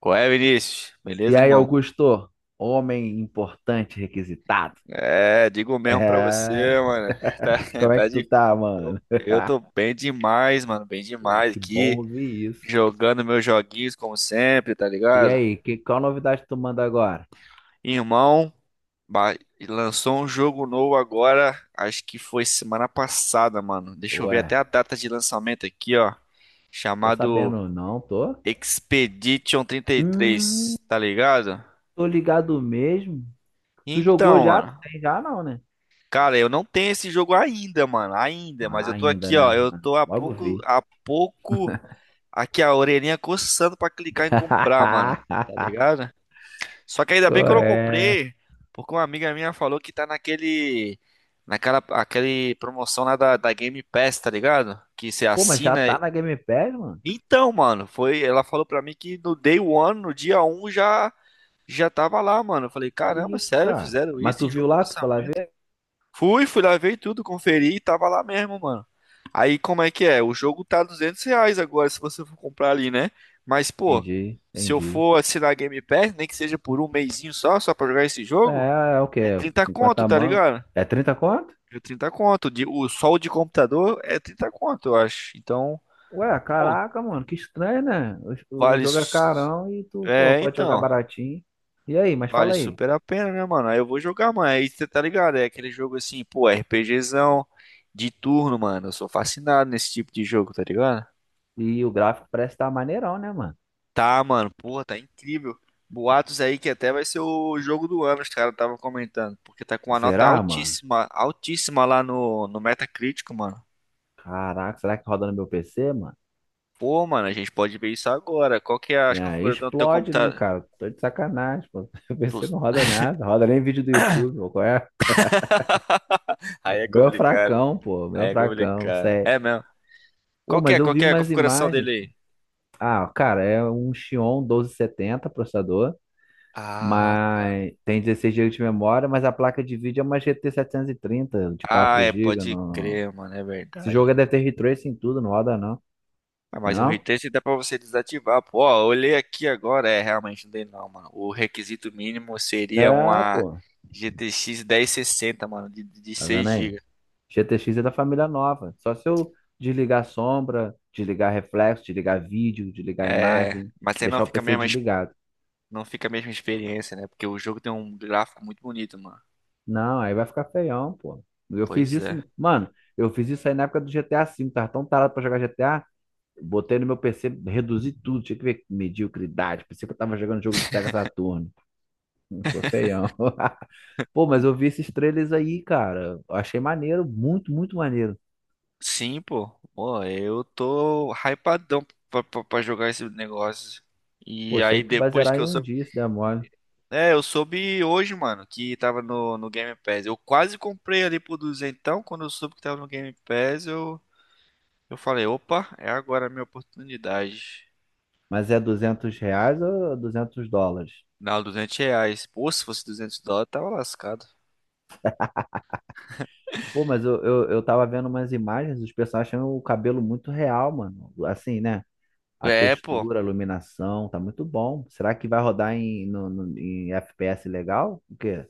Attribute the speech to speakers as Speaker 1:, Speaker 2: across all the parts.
Speaker 1: Qual é, Vinícius?
Speaker 2: E
Speaker 1: Beleza,
Speaker 2: aí,
Speaker 1: irmão?
Speaker 2: Augusto? Homem importante requisitado.
Speaker 1: É, digo mesmo pra
Speaker 2: É.
Speaker 1: você, mano. Tá,
Speaker 2: Como é
Speaker 1: tá
Speaker 2: que tu
Speaker 1: de...
Speaker 2: tá, mano?
Speaker 1: Eu tô bem demais, mano. Bem
Speaker 2: Pô,
Speaker 1: demais
Speaker 2: que bom
Speaker 1: aqui.
Speaker 2: ouvir isso.
Speaker 1: Jogando meus joguinhos como sempre, tá
Speaker 2: E
Speaker 1: ligado?
Speaker 2: aí, qual novidade tu manda agora?
Speaker 1: Irmão, ba- lançou um jogo novo agora. Acho que foi semana passada, mano. Deixa eu ver
Speaker 2: Ué,
Speaker 1: até a data de lançamento aqui, ó.
Speaker 2: tô
Speaker 1: Chamado
Speaker 2: sabendo, não, tô?
Speaker 1: Expedition
Speaker 2: Hum,
Speaker 1: 33, tá ligado?
Speaker 2: Tô ligado mesmo. Tu jogou
Speaker 1: Então,
Speaker 2: já?
Speaker 1: mano.
Speaker 2: Tem já não, né?
Speaker 1: Cara, eu não tenho esse jogo ainda, mano. Ainda, mas
Speaker 2: Ah,
Speaker 1: eu tô
Speaker 2: ainda,
Speaker 1: aqui, ó.
Speaker 2: né?
Speaker 1: Eu tô
Speaker 2: Logo vi.
Speaker 1: a pouco, aqui a orelhinha coçando pra clicar em comprar, mano. Tá ligado? Só que ainda bem
Speaker 2: Qual
Speaker 1: que eu não
Speaker 2: é?
Speaker 1: comprei, porque uma amiga minha falou que tá aquele promoção lá da Game Pass, tá ligado? Que você
Speaker 2: Pô, mas já
Speaker 1: assina.
Speaker 2: tá na Game Pass, mano?
Speaker 1: Então, mano, foi. Ela falou pra mim que no day one, no dia 1 já, tava lá, mano. Eu falei,
Speaker 2: Que
Speaker 1: caramba,
Speaker 2: isso,
Speaker 1: sério,
Speaker 2: cara?
Speaker 1: fizeram
Speaker 2: Mas
Speaker 1: isso
Speaker 2: tu
Speaker 1: em
Speaker 2: viu
Speaker 1: jogo
Speaker 2: lá, tu foi lá
Speaker 1: lançamento?
Speaker 2: ver?
Speaker 1: Fui, lá ver tudo, conferi e tava lá mesmo, mano. Aí como é que é? O jogo tá R$ 200 agora se você for comprar ali, né? Mas, pô,
Speaker 2: Entendi,
Speaker 1: se eu
Speaker 2: entendi.
Speaker 1: for assinar Game Pass, nem que seja por um mesinho só pra jogar esse jogo,
Speaker 2: É o
Speaker 1: é
Speaker 2: quê?
Speaker 1: 30 conto,
Speaker 2: 50
Speaker 1: tá
Speaker 2: mão.
Speaker 1: ligado?
Speaker 2: É 30 conto?
Speaker 1: É 30 conto. Só o de computador é 30 conto, eu acho. Então,
Speaker 2: Ué,
Speaker 1: pô,
Speaker 2: caraca, mano, que estranho, né? O
Speaker 1: vale.
Speaker 2: jogo é carão e tu, pô,
Speaker 1: É,
Speaker 2: pode jogar
Speaker 1: então.
Speaker 2: baratinho. E aí, mas
Speaker 1: Vale
Speaker 2: fala aí.
Speaker 1: super a pena, né, mano? Aí eu vou jogar, mano. Aí você tá ligado? É aquele jogo assim, pô, RPGzão de turno, mano. Eu sou fascinado nesse tipo de jogo, tá ligado?
Speaker 2: E o gráfico parece estar maneirão, né, mano?
Speaker 1: Tá, mano. Porra, tá incrível. Boatos aí que até vai ser o jogo do ano, os caras estavam comentando. Porque tá com uma nota
Speaker 2: Será, mano?
Speaker 1: altíssima, altíssima lá no Metacritic, mano.
Speaker 2: Caraca, será que roda no meu PC, mano?
Speaker 1: Pô, mano, a gente pode ver isso agora. Qual que é
Speaker 2: E
Speaker 1: as
Speaker 2: aí
Speaker 1: configurações do teu
Speaker 2: explode, né,
Speaker 1: computador?
Speaker 2: cara? Tô de sacanagem, pô. Meu PC
Speaker 1: Tu-
Speaker 2: não roda nada, roda nem vídeo do YouTube, pô. Qual é?
Speaker 1: Aí é
Speaker 2: O meu é
Speaker 1: complicado.
Speaker 2: fracão, pô, o meu
Speaker 1: Aí
Speaker 2: é
Speaker 1: é
Speaker 2: fracão,
Speaker 1: complicado.
Speaker 2: sério.
Speaker 1: É mesmo.
Speaker 2: Pô,
Speaker 1: Qual que
Speaker 2: mas
Speaker 1: é,
Speaker 2: eu
Speaker 1: qual
Speaker 2: vi
Speaker 1: que é a
Speaker 2: umas
Speaker 1: configuração
Speaker 2: imagens.
Speaker 1: dele.
Speaker 2: Ah, cara, é um Xeon 1270 processador.
Speaker 1: Ah, tá.
Speaker 2: Mas tem 16 gigas de memória, mas a placa de vídeo é uma GT 730 de
Speaker 1: Ah,
Speaker 2: 4
Speaker 1: é,
Speaker 2: gigas.
Speaker 1: pode
Speaker 2: No...
Speaker 1: crer, mano, é
Speaker 2: Esse jogo
Speaker 1: verdade.
Speaker 2: deve ter ray tracing em tudo, não roda não.
Speaker 1: Ah,
Speaker 2: Não é
Speaker 1: mas o
Speaker 2: não?
Speaker 1: retrace dá pra você desativar. Pô, ó, eu olhei aqui agora, é, realmente não tem não, mano. O requisito mínimo seria
Speaker 2: É,
Speaker 1: uma
Speaker 2: pô.
Speaker 1: GTX 1060, mano, de
Speaker 2: Tá
Speaker 1: 6
Speaker 2: vendo aí?
Speaker 1: GB.
Speaker 2: GTX é da família nova. Só se eu desligar sombra, desligar reflexo, desligar vídeo, desligar
Speaker 1: É,
Speaker 2: imagem,
Speaker 1: mas aí não
Speaker 2: deixar o
Speaker 1: fica a
Speaker 2: PC
Speaker 1: mesma,
Speaker 2: desligado.
Speaker 1: não fica a mesma experiência, né? Porque o jogo tem um gráfico muito bonito, mano.
Speaker 2: Não, aí vai ficar feião, pô. Eu fiz
Speaker 1: Pois é.
Speaker 2: isso, mano, eu fiz isso aí na época do GTA V, tava tão tarado pra jogar GTA. Botei no meu PC, reduzi tudo, tinha que ver que mediocridade. Pensei que eu tava jogando jogo do Sega Saturno. Foi feião. Pô, mas eu vi esses trailers aí, cara. Eu achei maneiro, muito, muito maneiro.
Speaker 1: Sim, pô. Pô, eu tô hypadão pra jogar esse negócio.
Speaker 2: Pô,
Speaker 1: E
Speaker 2: isso aí
Speaker 1: aí
Speaker 2: tu vai
Speaker 1: depois
Speaker 2: zerar
Speaker 1: que
Speaker 2: em
Speaker 1: eu
Speaker 2: um
Speaker 1: soube
Speaker 2: dia, se der mole.
Speaker 1: É, eu soube hoje, mano, que tava no Game Pass. Eu quase comprei ali por duzentão. Quando eu soube que tava no Game Pass, eu falei, opa, é agora a minha oportunidade.
Speaker 2: Mas é R$ 200 ou US$ 200?
Speaker 1: Não, R$ 200. Pô, se fosse US$ 200, tava lascado.
Speaker 2: Pô, mas eu tava vendo umas imagens, os personagens tinham o cabelo muito real, mano. Assim, né? A
Speaker 1: É, pô.
Speaker 2: textura, a iluminação, tá muito bom. Será que vai rodar em FPS legal? O quê?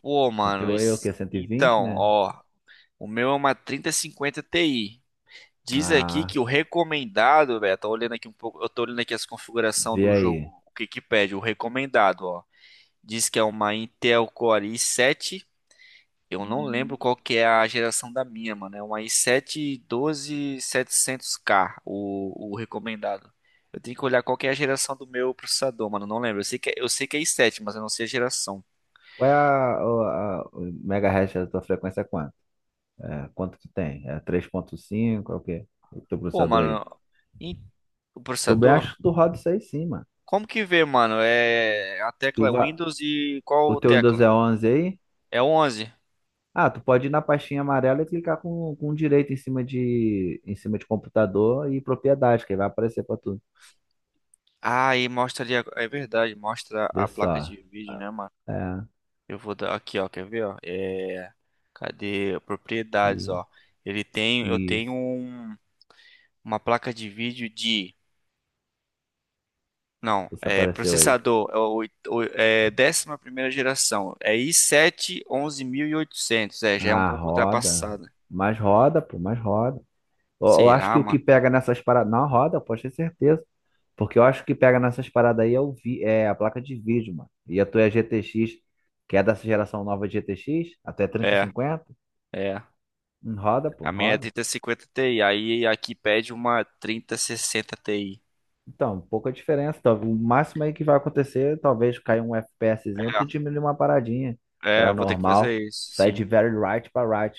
Speaker 1: Pô,
Speaker 2: No
Speaker 1: mano,
Speaker 2: teu aí é o
Speaker 1: isso...
Speaker 2: quê? 120,
Speaker 1: Então,
Speaker 2: né?
Speaker 1: ó, o meu é uma 3050 Ti. Diz aqui
Speaker 2: Ah,
Speaker 1: que o recomendado, velho, tô olhando aqui um pouco, eu tô olhando aqui as configurações
Speaker 2: vê
Speaker 1: do jogo,
Speaker 2: aí.
Speaker 1: o que que pede, o recomendado, ó. Diz que é uma Intel Core i7. Eu não lembro
Speaker 2: Hum,
Speaker 1: qual que é a geração da minha, mano. É um i7 12700K, o recomendado. Eu tenho que olhar qual que é a geração do meu processador, mano. Não lembro. Eu sei que é i7, mas eu não sei a geração.
Speaker 2: Qual é o megahertz da tua frequência? É quanto? É, quanto tu tem? É 3.5? É o quê? O teu
Speaker 1: Pô,
Speaker 2: processador aí.
Speaker 1: mano, e o
Speaker 2: Que eu bem
Speaker 1: processador?
Speaker 2: acho que tu roda isso aí sim, mano.
Speaker 1: Como que vê, mano? É, a tecla
Speaker 2: Tu
Speaker 1: é
Speaker 2: vai,
Speaker 1: Windows e
Speaker 2: o
Speaker 1: qual
Speaker 2: teu Windows
Speaker 1: tecla?
Speaker 2: é 11 aí?
Speaker 1: É 11.
Speaker 2: Ah, tu pode ir na pastinha amarela e clicar com direito em cima de computador e propriedade, que aí vai aparecer pra tu.
Speaker 1: Ah, e mostra ali. É verdade, mostra
Speaker 2: Vê
Speaker 1: a placa
Speaker 2: só.
Speaker 1: de vídeo, né, mano?
Speaker 2: É,
Speaker 1: Eu vou dar aqui, ó, quer ver, ó? É, cadê propriedades,
Speaker 2: e-
Speaker 1: ó? Ele tem, eu tenho
Speaker 2: isso.
Speaker 1: uma placa de vídeo de, não,
Speaker 2: Isso
Speaker 1: é
Speaker 2: apareceu aí.
Speaker 1: processador, é, é 11ª geração, é i7 11800, é, já é um
Speaker 2: Ah,
Speaker 1: pouco
Speaker 2: roda.
Speaker 1: ultrapassada.
Speaker 2: Mais roda, pô, mais roda. Eu acho
Speaker 1: Será,
Speaker 2: que o que
Speaker 1: mano?
Speaker 2: pega nessas paradas. Não, roda, pode ter certeza. Porque eu acho que o que pega nessas paradas aí é a placa de vídeo, mano. E a tua é GTX, que é dessa geração nova de GTX, até
Speaker 1: É,
Speaker 2: 3050.
Speaker 1: é.
Speaker 2: Roda, pô,
Speaker 1: A minha é
Speaker 2: roda.
Speaker 1: 3050 Ti, aí aqui pede uma 3060 Ti.
Speaker 2: Então, pouca diferença. O máximo aí que vai acontecer, talvez cair um FPSzinho, tu diminui uma paradinha
Speaker 1: É, é,
Speaker 2: pra
Speaker 1: eu vou ter que
Speaker 2: normal.
Speaker 1: fazer isso,
Speaker 2: Sai de
Speaker 1: sim.
Speaker 2: very right pra right.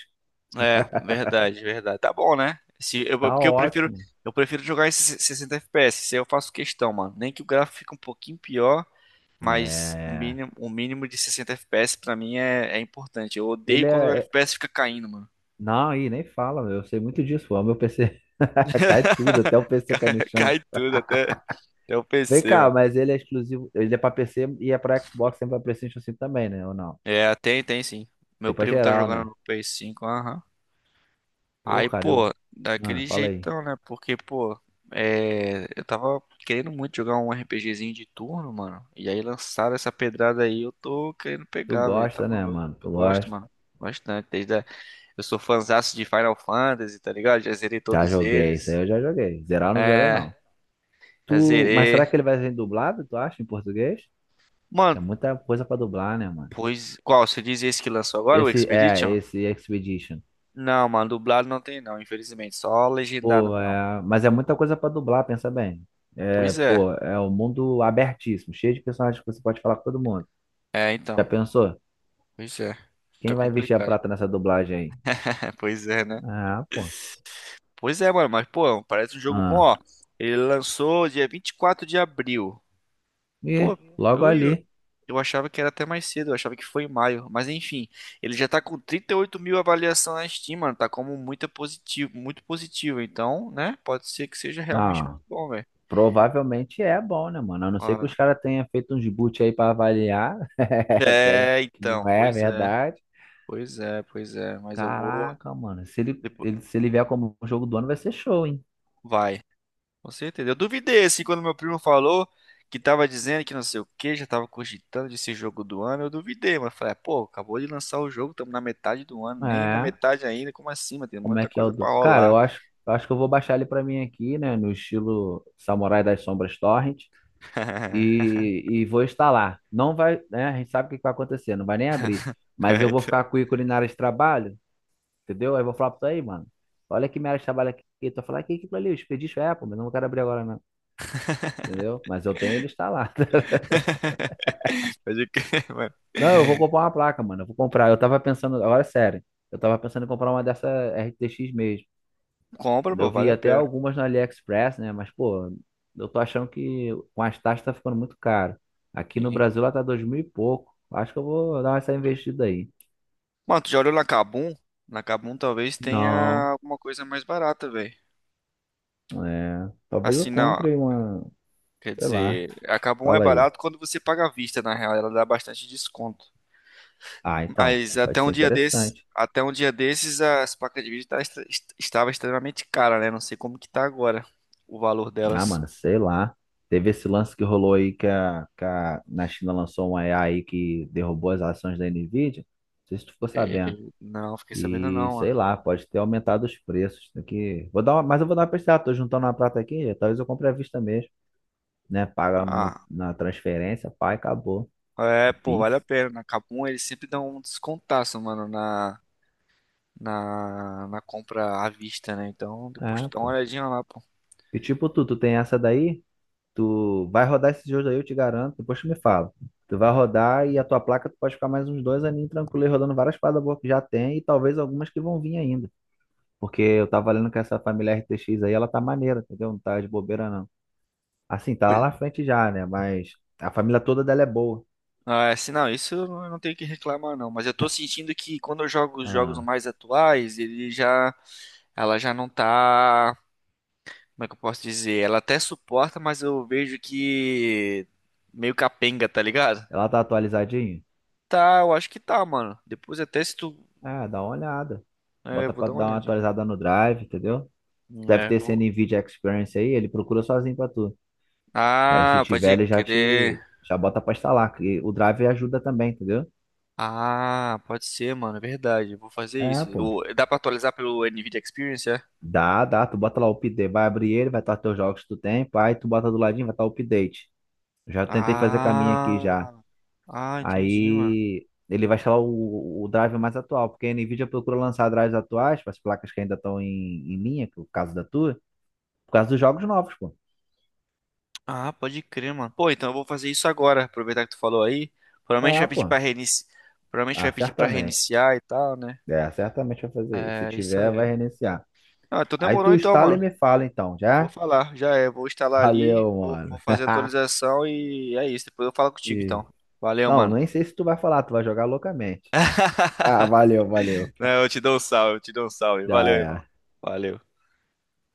Speaker 1: É, verdade, verdade. Tá bom, né? Se, eu, é
Speaker 2: Tá
Speaker 1: porque eu prefiro,
Speaker 2: ótimo.
Speaker 1: eu prefiro jogar em 60 FPS. Isso aí eu faço questão, mano. Nem que o gráfico fique um pouquinho pior, mas o
Speaker 2: É.
Speaker 1: mínimo, o mínimo de 60 FPS pra mim é importante. Eu odeio
Speaker 2: Ele
Speaker 1: quando o
Speaker 2: é,
Speaker 1: FPS fica caindo, mano.
Speaker 2: Não, aí nem fala, meu. Eu sei muito disso. O meu PC cai tudo, até o PC cai
Speaker 1: Cai
Speaker 2: no
Speaker 1: cai
Speaker 2: chão.
Speaker 1: tudo, até o
Speaker 2: Vem
Speaker 1: PC,
Speaker 2: cá,
Speaker 1: mano.
Speaker 2: mas ele é exclusivo. Ele é pra PC e é pra Xbox, sempre pra PlayStation 5 também, né? Ou não?
Speaker 1: É, tem sim.
Speaker 2: É
Speaker 1: Meu
Speaker 2: pra
Speaker 1: primo tá
Speaker 2: geral,
Speaker 1: jogando
Speaker 2: né?
Speaker 1: no PS5, aham.
Speaker 2: Pô,
Speaker 1: Aí,
Speaker 2: cara,
Speaker 1: pô,
Speaker 2: eu. Mano,
Speaker 1: daquele
Speaker 2: fala aí.
Speaker 1: jeitão, né? Porque, pô, é, eu tava querendo muito jogar um RPGzinho de turno, mano. E aí lançaram essa pedrada aí, eu tô querendo
Speaker 2: Tu
Speaker 1: pegar, velho. Tá
Speaker 2: gosta, né,
Speaker 1: maluco?
Speaker 2: mano?
Speaker 1: Eu
Speaker 2: Tu
Speaker 1: gosto,
Speaker 2: gosta.
Speaker 1: mano. Bastante. Desde a... Eu sou fãzaço de Final Fantasy, tá ligado? Já zerei
Speaker 2: Já
Speaker 1: todos
Speaker 2: joguei, isso aí
Speaker 1: eles.
Speaker 2: eu já joguei. Zerar eu não zerei,
Speaker 1: É,
Speaker 2: não.
Speaker 1: já
Speaker 2: Tu. Mas
Speaker 1: zerei.
Speaker 2: será que ele vai ser dublado, tu acha, em português? É
Speaker 1: Mano,
Speaker 2: muita coisa pra dublar, né, mano?
Speaker 1: pois qual? Você diz esse que lançou agora, o
Speaker 2: Esse, é,
Speaker 1: Expedition?
Speaker 2: esse Expedition.
Speaker 1: Não, mano, dublado não tem não, infelizmente. Só legendado
Speaker 2: Pô,
Speaker 1: mesmo.
Speaker 2: é, mas é muita coisa pra dublar, pensa bem. É,
Speaker 1: Pois é.
Speaker 2: pô, é um mundo abertíssimo, cheio de personagens que você pode falar com todo mundo.
Speaker 1: É,
Speaker 2: Já
Speaker 1: então.
Speaker 2: pensou?
Speaker 1: Pois é. Fica
Speaker 2: Quem vai investir a
Speaker 1: complicado.
Speaker 2: prata nessa dublagem aí?
Speaker 1: É, pois é, né?
Speaker 2: Ah, pô.
Speaker 1: Pois é, mano, mas pô, parece um jogo bom,
Speaker 2: Ah.
Speaker 1: ó. Ele lançou dia 24 de abril. Pô,
Speaker 2: E logo
Speaker 1: eu, eu,
Speaker 2: ali.
Speaker 1: eu achava que era até mais cedo, eu achava que foi em maio. Mas enfim, ele já tá com 38 mil avaliações na Steam, mano. Tá como muito positivo, muito positivo. Então, né? Pode ser que seja realmente
Speaker 2: Ah,
Speaker 1: muito bom, velho.
Speaker 2: provavelmente é bom, né, mano? A não ser
Speaker 1: Ó,
Speaker 2: que os caras tenham feito uns boot aí pra avaliar, que, é-
Speaker 1: é,
Speaker 2: que não
Speaker 1: então,
Speaker 2: é
Speaker 1: pois é,
Speaker 2: verdade.
Speaker 1: pois é, pois é. Mas eu vou.
Speaker 2: Caraca, mano, se ele,
Speaker 1: Depois...
Speaker 2: ele- se ele vier como jogo do ano, vai ser show, hein?
Speaker 1: Vai. Com certeza. Eu duvidei, assim, quando meu primo falou que tava dizendo que não sei o que, já tava cogitando de ser jogo do ano, eu duvidei, mas falei, "Ah, pô, acabou de lançar o jogo, estamos na metade do ano, nem na
Speaker 2: É.
Speaker 1: metade ainda, como assim, mano? Tem
Speaker 2: Como é
Speaker 1: muita
Speaker 2: que é o
Speaker 1: coisa pra
Speaker 2: do... Cara, eu
Speaker 1: rolar."
Speaker 2: acho, eu acho que eu vou baixar ele pra mim aqui, né? No estilo Samurai das Sombras Torrent. E, e vou instalar. Não vai, né? A gente sabe o que que vai acontecer, não vai nem abrir. Mas
Speaker 1: É,
Speaker 2: eu vou
Speaker 1: então.
Speaker 2: ficar com o ícone na área de trabalho, entendeu? Aí eu vou falar pra tu aí, mano. Olha que minha área de trabalho aqui. Tu vai falar "Ah, que aquilo ali, o Expedition Apple, mas eu não quero abrir agora, não. Entendeu? Mas eu tenho ele instalado.
Speaker 1: Pode crer, mano.
Speaker 2: Não, eu vou comprar uma placa, mano. Eu vou comprar. Eu tava pensando, agora é sério. Eu tava pensando em comprar uma dessa RTX mesmo.
Speaker 1: Compra, pô,
Speaker 2: Eu
Speaker 1: vale
Speaker 2: vi
Speaker 1: a
Speaker 2: até
Speaker 1: pena.
Speaker 2: algumas na AliExpress, né? Mas, pô, eu tô achando que com as taxas tá ficando muito caro. Aqui no
Speaker 1: Sim.
Speaker 2: Brasil ela tá dois mil e pouco. Acho que eu vou dar essa investida aí.
Speaker 1: Mano, tu já olhou na Kabum? Na Kabum talvez tenha
Speaker 2: Não,
Speaker 1: alguma coisa mais barata, velho.
Speaker 2: é. Talvez eu
Speaker 1: Assim, não,
Speaker 2: compre uma,
Speaker 1: quer
Speaker 2: sei lá.
Speaker 1: dizer, a Kabum é
Speaker 2: Fala aí.
Speaker 1: barato quando você paga à vista, na real, ela dá bastante desconto.
Speaker 2: Ah, então,
Speaker 1: Mas até
Speaker 2: pode
Speaker 1: um
Speaker 2: ser
Speaker 1: dia desses,
Speaker 2: interessante.
Speaker 1: até um dia desses, as placas de vídeo estava extremamente cara, né? Não sei como que tá agora o valor
Speaker 2: Ah,
Speaker 1: delas.
Speaker 2: mano, sei lá. Teve esse lance que rolou aí que na China lançou uma AI que derrubou as ações da Nvidia. Não sei se tu ficou
Speaker 1: É,
Speaker 2: sabendo.
Speaker 1: não, fiquei sabendo
Speaker 2: E
Speaker 1: não. Ó.
Speaker 2: sei lá, pode ter aumentado os preços. Tem que... vou dar uma... Mas eu vou dar uma pesquisada, tô juntando uma prata aqui, talvez eu compre à vista mesmo, né? Paga no-
Speaker 1: Ah,
Speaker 2: na transferência, pá, e acabou.
Speaker 1: é,
Speaker 2: No
Speaker 1: pô, vale a
Speaker 2: Pix.
Speaker 1: pena. Na Kabum eles sempre dão um descontaço, mano, na compra à vista, né? Então depois
Speaker 2: É,
Speaker 1: tu dá uma
Speaker 2: pô.
Speaker 1: olhadinha lá, pô.
Speaker 2: E tipo, tu tem essa daí, tu vai rodar esses jogos aí, eu te garanto, depois tu me fala. Tu vai rodar e a tua placa tu pode ficar mais uns dois aninhos tranquilo aí, rodando várias paradas boas que já tem e talvez algumas que vão vir ainda. Porque eu tava lendo que essa família RTX aí, ela tá maneira, entendeu? Não tá de bobeira, não. Assim, tá
Speaker 1: Pois-
Speaker 2: lá na frente já, né? Mas a família toda dela é boa.
Speaker 1: Ah, é, assim, não, isso eu não tenho que reclamar, não. Mas eu tô sentindo que quando eu jogo os jogos
Speaker 2: Ah,
Speaker 1: mais atuais, ela já não tá. Como é que eu posso dizer? Ela até suporta, mas eu vejo que meio capenga, tá ligado?
Speaker 2: ela tá atualizadinha?
Speaker 1: Tá, eu acho que tá, mano. Depois até se tu.
Speaker 2: Ah, dá uma olhada.
Speaker 1: É,
Speaker 2: Bota
Speaker 1: vou
Speaker 2: pra
Speaker 1: dar uma
Speaker 2: dar uma
Speaker 1: olhadinha.
Speaker 2: atualizada no Drive, entendeu? Deve
Speaker 1: É,
Speaker 2: ter esse
Speaker 1: vou.
Speaker 2: NVIDIA Experience aí, ele procura sozinho pra tu. Aí se
Speaker 1: Ah,
Speaker 2: tiver,
Speaker 1: pode crer.
Speaker 2: Já bota pra instalar. Que o Drive ajuda também, entendeu?
Speaker 1: Ah, pode ser, mano. É verdade. Eu vou fazer
Speaker 2: É,
Speaker 1: isso.
Speaker 2: pô.
Speaker 1: Dá pra atualizar pelo NVIDIA Experience, é?
Speaker 2: Dá, dá. Tu bota lá o update, vai abrir ele, vai estar teus jogos que tu tem, pá, e tu bota do ladinho, vai estar o update. Já tentei fazer caminho aqui já.
Speaker 1: Ah, ah, entendi, mano.
Speaker 2: Aí ele vai instalar o drive mais atual, porque a Nvidia procura lançar drives atuais para as placas que ainda estão em linha, que é o caso da tua, por causa dos jogos novos, pô.
Speaker 1: Ah, pode crer, mano. Pô, então eu vou fazer isso agora. Aproveitar que tu falou aí. Provavelmente
Speaker 2: É,
Speaker 1: vai pedir
Speaker 2: pô.
Speaker 1: pra reiniciar. Provavelmente vai
Speaker 2: Ah,
Speaker 1: pedir pra
Speaker 2: certamente.
Speaker 1: reiniciar e tal, né?
Speaker 2: É, certamente vai fazer isso. Se
Speaker 1: É isso
Speaker 2: tiver, vai
Speaker 1: aí.
Speaker 2: reiniciar.
Speaker 1: Ah, então
Speaker 2: Aí
Speaker 1: demorou
Speaker 2: tu
Speaker 1: então,
Speaker 2: instala e
Speaker 1: mano.
Speaker 2: me fala então,
Speaker 1: Vou
Speaker 2: já?
Speaker 1: falar, já é. Vou instalar ali,
Speaker 2: Valeu,
Speaker 1: vou
Speaker 2: mano.
Speaker 1: fazer a atualização e é isso. Depois eu falo contigo então.
Speaker 2: E...
Speaker 1: Valeu,
Speaker 2: Não,
Speaker 1: mano.
Speaker 2: nem sei se tu vai falar, tu vai jogar loucamente. Ah, valeu, valeu.
Speaker 1: Não, eu te dou um salve, eu te dou um salve.
Speaker 2: Já
Speaker 1: Valeu, irmão.
Speaker 2: era.
Speaker 1: Valeu.